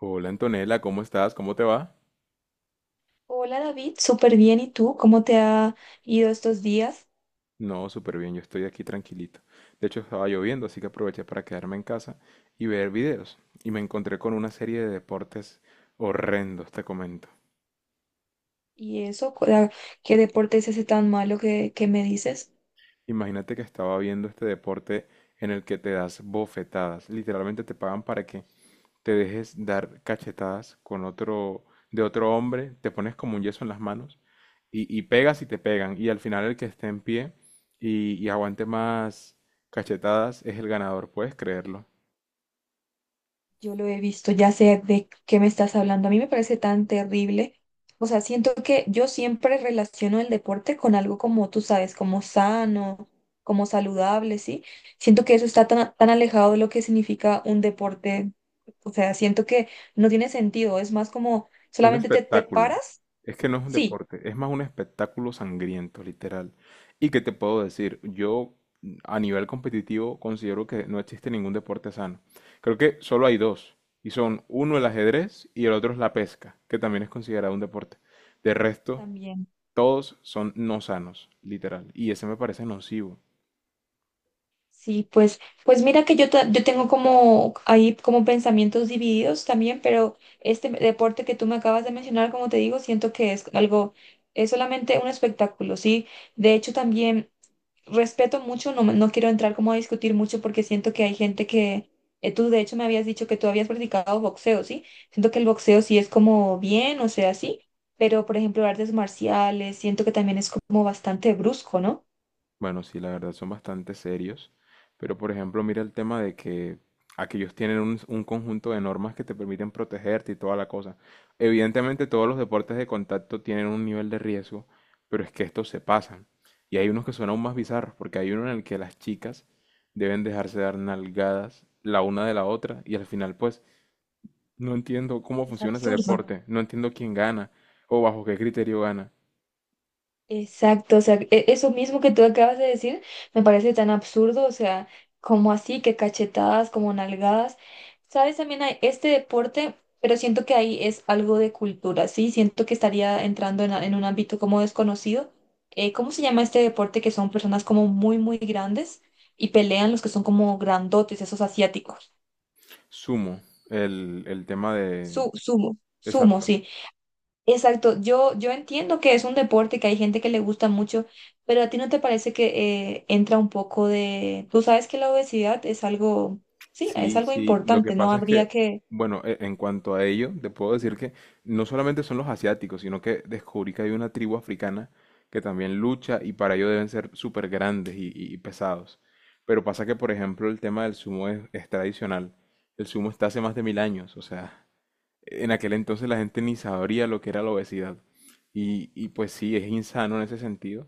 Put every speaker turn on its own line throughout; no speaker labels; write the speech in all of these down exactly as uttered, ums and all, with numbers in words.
Hola Antonella, ¿cómo estás? ¿Cómo te va?
Hola David, súper bien. ¿Y tú? ¿Cómo te ha ido estos días?
No, súper bien, yo estoy aquí tranquilito. De hecho, estaba lloviendo, así que aproveché para quedarme en casa y ver videos. Y me encontré con una serie de deportes horrendos, te comento.
¿Y eso? cu- ah, ¿Qué deporte es ese tan malo que, que me dices?
Imagínate que estaba viendo este deporte en el que te das bofetadas. Literalmente te pagan para que te dejes dar cachetadas con otro, de otro hombre, te pones como un yeso en las manos y, y pegas y te pegan. Y al final el que esté en pie y, y aguante más cachetadas es el ganador, ¿puedes creerlo?
Yo lo he visto, ya sé de qué me estás hablando. A mí me parece tan terrible. O sea, siento que yo siempre relaciono el deporte con algo como tú sabes, como sano, como saludable, ¿sí? Siento que eso está tan, tan alejado de lo que significa un deporte. O sea, siento que no tiene sentido. Es más como
Un
solamente te, te
espectáculo.
paras,
Es que no es un
sí,
deporte, es más un espectáculo sangriento, literal. ¿Y qué te puedo decir? Yo mm, a nivel competitivo considero que no existe ningún deporte sano. Creo que solo hay dos. Y son uno el ajedrez y el otro es la pesca, que también es considerado un deporte. De resto,
también.
todos son no sanos, literal. Y ese me parece nocivo.
Sí, pues, pues mira que yo, ta- yo tengo como ahí como pensamientos divididos también, pero este deporte que tú me acabas de mencionar, como te digo, siento que es algo, es solamente un espectáculo, ¿sí? De hecho, también respeto mucho, no, me- no quiero entrar como a discutir mucho porque siento que hay gente que, eh, tú de hecho me habías dicho que tú habías practicado boxeo, ¿sí? Siento que el boxeo sí es como bien, o sea, sí, pero por ejemplo, artes marciales, siento que también es como bastante brusco, ¿no?
Bueno, sí, la verdad son bastante serios, pero por ejemplo, mira el tema de que aquellos tienen un, un conjunto de normas que te permiten protegerte y toda la cosa. Evidentemente todos los deportes de contacto tienen un nivel de riesgo, pero es que estos se pasan. Y hay unos que son aún más bizarros, porque hay uno en el que las chicas deben dejarse dar nalgadas la una de la otra y al final pues no entiendo cómo
Es
funciona ese
absurdo.
deporte, no entiendo quién gana o bajo qué criterio gana.
Exacto, o sea, e- eso mismo que tú acabas de decir me parece tan absurdo, o sea, como así, que cachetadas, como nalgadas. Sabes, también hay este deporte, pero siento que ahí es algo de cultura, ¿sí? Siento que estaría entrando en, a- en un ámbito como desconocido. Eh, ¿cómo se llama este deporte que son personas como muy, muy grandes y pelean los que son como grandotes, esos asiáticos?
Sumo, el, el tema de.
Su, sumo, sumo,
Exacto.
sí. Exacto, yo, yo entiendo que es un deporte que hay gente que le gusta mucho, pero a ti no te parece que eh, entra un poco de... Tú sabes que la obesidad es algo, sí, es
Sí,
algo
sí, lo que
importante, no
pasa es que,
habría que...
bueno, e- en cuanto a ello, te puedo decir que no solamente son los asiáticos, sino que descubrí que hay una tribu africana que también lucha y para ello deben ser súper grandes y, y- y pesados. Pero pasa que, por ejemplo, el tema del sumo es, es tradicional. El sumo está hace más de mil años, o sea, en aquel entonces la gente ni sabría lo que era la obesidad. Y, y pues sí, es insano en ese sentido,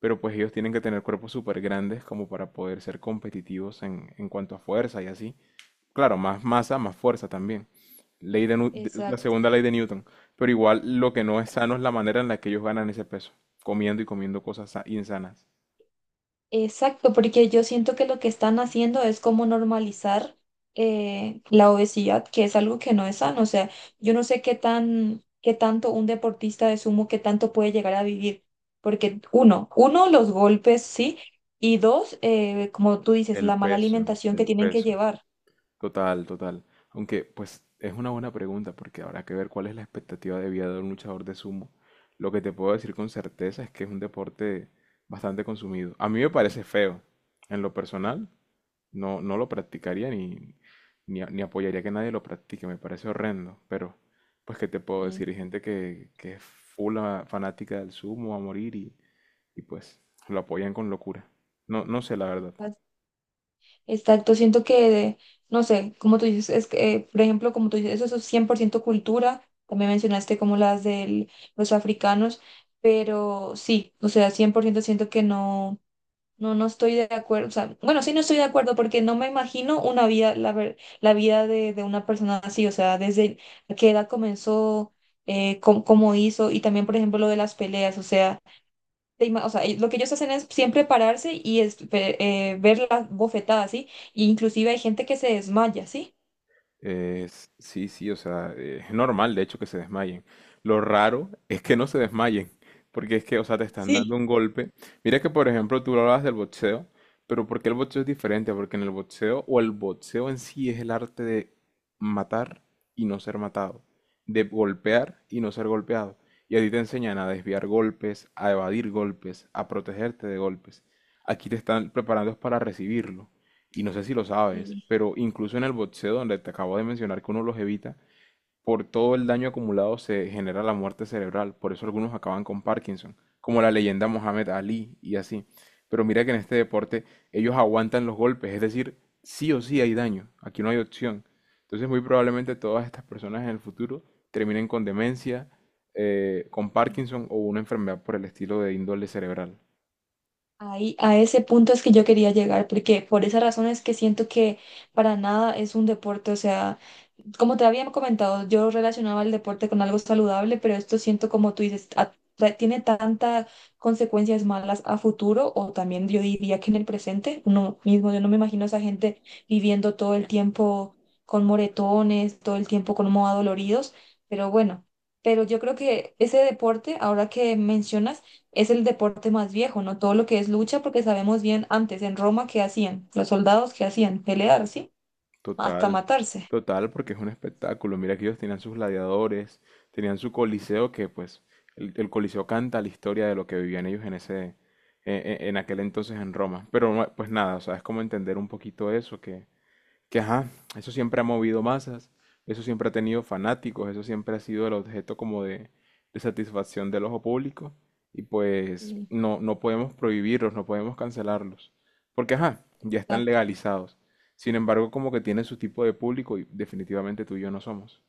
pero pues ellos tienen que tener cuerpos súper grandes como para poder ser competitivos en, en cuanto a fuerza y así. Claro, más masa, más fuerza también. Ley de Nu- de- La segunda ley de Newton. Pero igual lo que no es sano es la manera en la que ellos ganan ese peso, comiendo y comiendo cosas sa- insanas.
Exacto, porque yo siento que lo que están haciendo es como normalizar eh, la obesidad, que es algo que no es sano. O sea, yo no sé qué tan, qué tanto un deportista de sumo, qué tanto puede llegar a vivir. Porque uno, uno, los golpes, sí, y dos, eh, como tú dices,
El
la mala
peso,
alimentación que
el
tienen que
peso.
llevar.
Total, total. Aunque, pues, es una buena pregunta porque habrá que ver cuál es la expectativa de vida de un luchador de sumo. Lo que te puedo decir con certeza es que es un deporte bastante consumido. A mí me parece feo, en lo personal. No, no lo practicaría ni, ni, a- ni apoyaría que nadie lo practique, me parece horrendo, pero pues qué te puedo
Y
decir, hay gente que, que es full a- fanática del sumo a morir y, y pues lo apoyan con locura. No, no sé la verdad.
Exacto, siento que, no sé, como tú dices, es que, eh, por ejemplo, como tú dices, eso es cien por ciento cultura, también mencionaste como las de los africanos, pero sí, o sea, cien por ciento siento que no, no, no estoy de acuerdo, o sea, bueno, sí no estoy de acuerdo porque no me imagino una vida, la, ver- la vida de, de una persona así, o sea, desde qué edad comenzó, eh, cómo, cómo hizo, y también, por ejemplo, lo de las peleas, o sea te ima- O sea, eh, lo que ellos hacen es siempre pararse y es- ve- eh, ver las bofetadas, ¿sí? Y inclusive hay gente que se desmaya, ¿sí?
Es- sí, sí, o sea, eh, es normal de hecho que se desmayen. Lo raro es que no se desmayen, porque es que, o sea, te están dando
Sí.
un golpe. Mira que, por ejemplo, tú hablabas del boxeo, pero ¿por qué el boxeo es diferente? Porque en el boxeo, o el boxeo en sí es el arte de matar y no ser matado, de golpear y no ser golpeado. Y a ti te enseñan a desviar golpes, a evadir golpes, a protegerte de golpes. Aquí te están preparando es para recibirlo y no sé si lo sabes,
Sí,
pero incluso en el boxeo, donde te acabo de mencionar que uno los evita, por todo el daño acumulado se genera la muerte cerebral, por eso algunos acaban con Parkinson, como la leyenda Mohamed Ali y así. Pero mira que en este deporte ellos aguantan los golpes, es decir, sí o sí hay daño, aquí no hay opción. Entonces muy probablemente todas estas personas en el futuro terminen con demencia, eh, con Parkinson o una enfermedad por el estilo de índole cerebral.
ahí a ese punto es que yo quería llegar, porque por esa razón es que siento que para nada es un deporte, o sea... Como te había comentado, yo relacionaba el deporte con algo saludable, pero esto siento como tú dices, a- tra- tiene tantas consecuencias malas a futuro o también yo diría que en el presente, uno mismo, yo no me imagino a esa gente viviendo todo el tiempo con moretones, todo el tiempo como adoloridos, pero bueno, pero yo creo que ese deporte, ahora que mencionas, es el deporte más viejo, ¿no? Todo lo que es lucha, porque sabemos bien antes en Roma qué hacían, los soldados qué hacían, pelear, ¿sí? Hasta
Total,
matarse.
total, porque es un espectáculo. Mira que ellos tenían sus gladiadores, tenían su coliseo, que pues el, el coliseo canta la historia de lo que vivían ellos en ese, e- e- en, aquel entonces en Roma. Pero no, pues nada, o sea, es como entender un poquito eso, que que ajá, eso siempre ha movido masas, eso siempre ha tenido fanáticos, eso siempre ha sido el objeto como de, de satisfacción del ojo público y pues
Sí.
no, no podemos prohibirlos, no podemos cancelarlos, porque ajá, ya están legalizados. Sin embargo, como que tiene su tipo de público y definitivamente tú y yo no somos.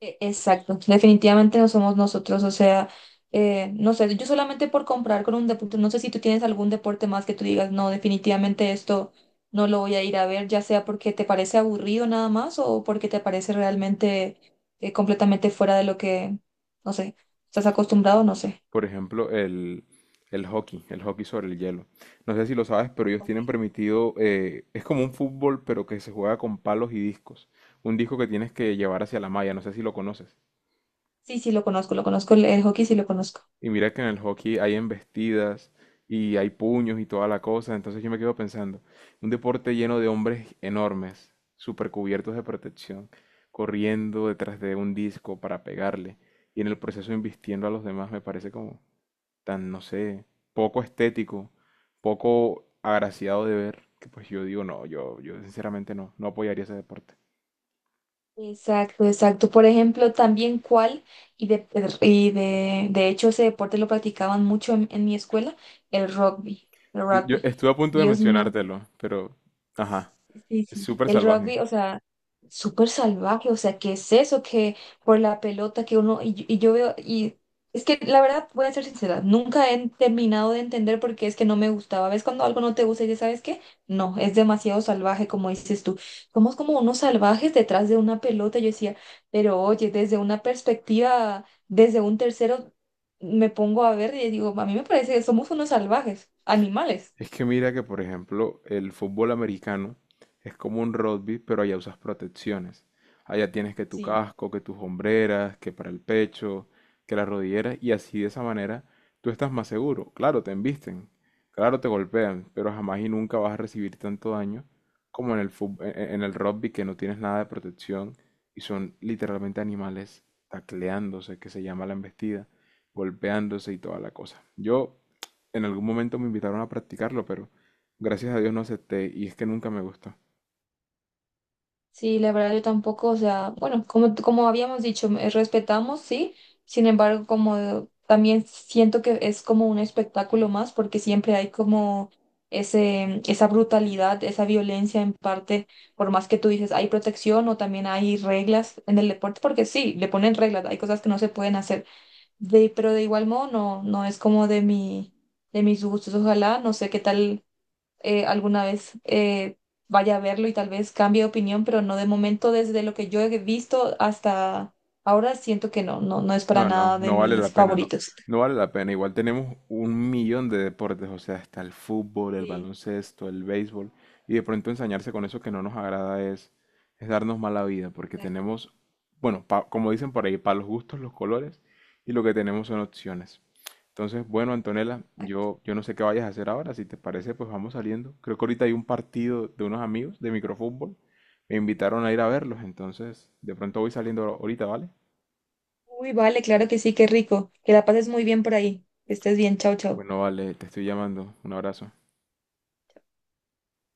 E- Exacto, definitivamente no somos nosotros, o sea, eh, no sé, yo solamente por comprar con un deporte, no sé si tú tienes algún deporte más que tú digas, no, definitivamente esto no lo voy a ir a ver, ya sea porque te parece aburrido nada más o porque te parece realmente eh, completamente fuera de lo que, no sé, estás acostumbrado, no sé.
Por ejemplo, el, el hockey, el hockey sobre el hielo. No sé si lo sabes, pero ellos tienen
Ok.
permitido, eh, es como un fútbol, pero que se juega con palos y discos. Un disco que tienes que llevar hacia la malla, no sé si lo conoces.
Sí, sí, lo conozco, lo conozco, el el hockey sí lo conozco.
Y mira que en el hockey hay embestidas y hay puños y toda la cosa. Entonces yo me quedo pensando, un deporte lleno de hombres enormes, super cubiertos de protección, corriendo detrás de un disco para pegarle y en el proceso embistiendo a los demás me parece como tan, no sé, poco estético, poco agraciado de ver, que pues yo digo, no, yo, yo sinceramente no, no apoyaría ese deporte.
Exacto, exacto. Por ejemplo, también cuál, y de, y de, de hecho ese deporte lo practicaban mucho en, en mi escuela, el rugby, el
Yo, Bueno,
rugby.
yo estuve a punto de
Dios mío,
mencionártelo, pero, ajá,
sí,
es
sí.
súper
El
salvaje.
rugby, o sea, súper salvaje, o sea, ¿qué es eso? Que por la pelota que uno, y, y yo veo, y es que la verdad, voy a ser sincera, nunca he terminado de entender por qué es que no me gustaba. ¿Ves cuando algo no te gusta y ya sabes qué? No, es demasiado salvaje, como dices tú. Somos como unos salvajes detrás de una pelota, yo decía, pero oye, desde una perspectiva, desde un tercero, me pongo a ver y digo, a mí me parece que somos unos salvajes, animales.
Es que mira que, por ejemplo, el fútbol americano es como un rugby, pero allá usas protecciones. Allá tienes que tu
Sí.
casco, que tus hombreras, que para el pecho, que las rodilleras, y así de esa manera tú estás más seguro. Claro, te embisten, claro, te golpean, pero jamás y nunca vas a recibir tanto daño como en el fut- e- e- en el rugby que no tienes nada de protección y son literalmente animales tacleándose, que se llama la embestida, golpeándose y toda la cosa. Yo en algún momento me invitaron a practicarlo, pero gracias a Dios no acepté y es que nunca me gustó.
Sí, la verdad yo tampoco, o sea, bueno, como, como habíamos dicho, eh, respetamos, sí, sin embargo, como también siento que es como un espectáculo más, porque siempre hay como ese, esa brutalidad, esa violencia en parte, por más que tú dices, hay protección o también hay reglas en el deporte, porque sí, le ponen reglas, hay cosas que no se pueden hacer, de, pero de igual modo no, no es como de mi, de mis gustos, ojalá, no sé qué tal eh, alguna vez eh, vaya a verlo y tal vez cambie de opinión, pero no de momento, desde lo que yo he visto hasta ahora, siento que no, no, no es para
No, no,
nada de
no vale
mis
la pena, no.
favoritos.
No vale la pena. Igual tenemos un millón de deportes, o sea, está el fútbol, el
Sí.
baloncesto, el béisbol, y de pronto ensañarse con eso que no nos agrada es, es darnos mala vida, porque
Exacto.
tenemos, bueno, pa- como dicen por ahí, para los gustos, los colores, y lo que tenemos son opciones. Entonces, bueno, Antonella, yo, yo no sé qué vayas a hacer ahora, si te parece, pues vamos saliendo. Creo que ahorita hay un partido de unos amigos de microfútbol, me invitaron a ir a verlos, entonces de pronto voy saliendo ahorita, ¿vale?
Uy, vale, claro que sí, qué rico. Que la pases muy bien por ahí. Que estés bien, chao, chao.
Bueno, vale, te estoy llamando. Un abrazo.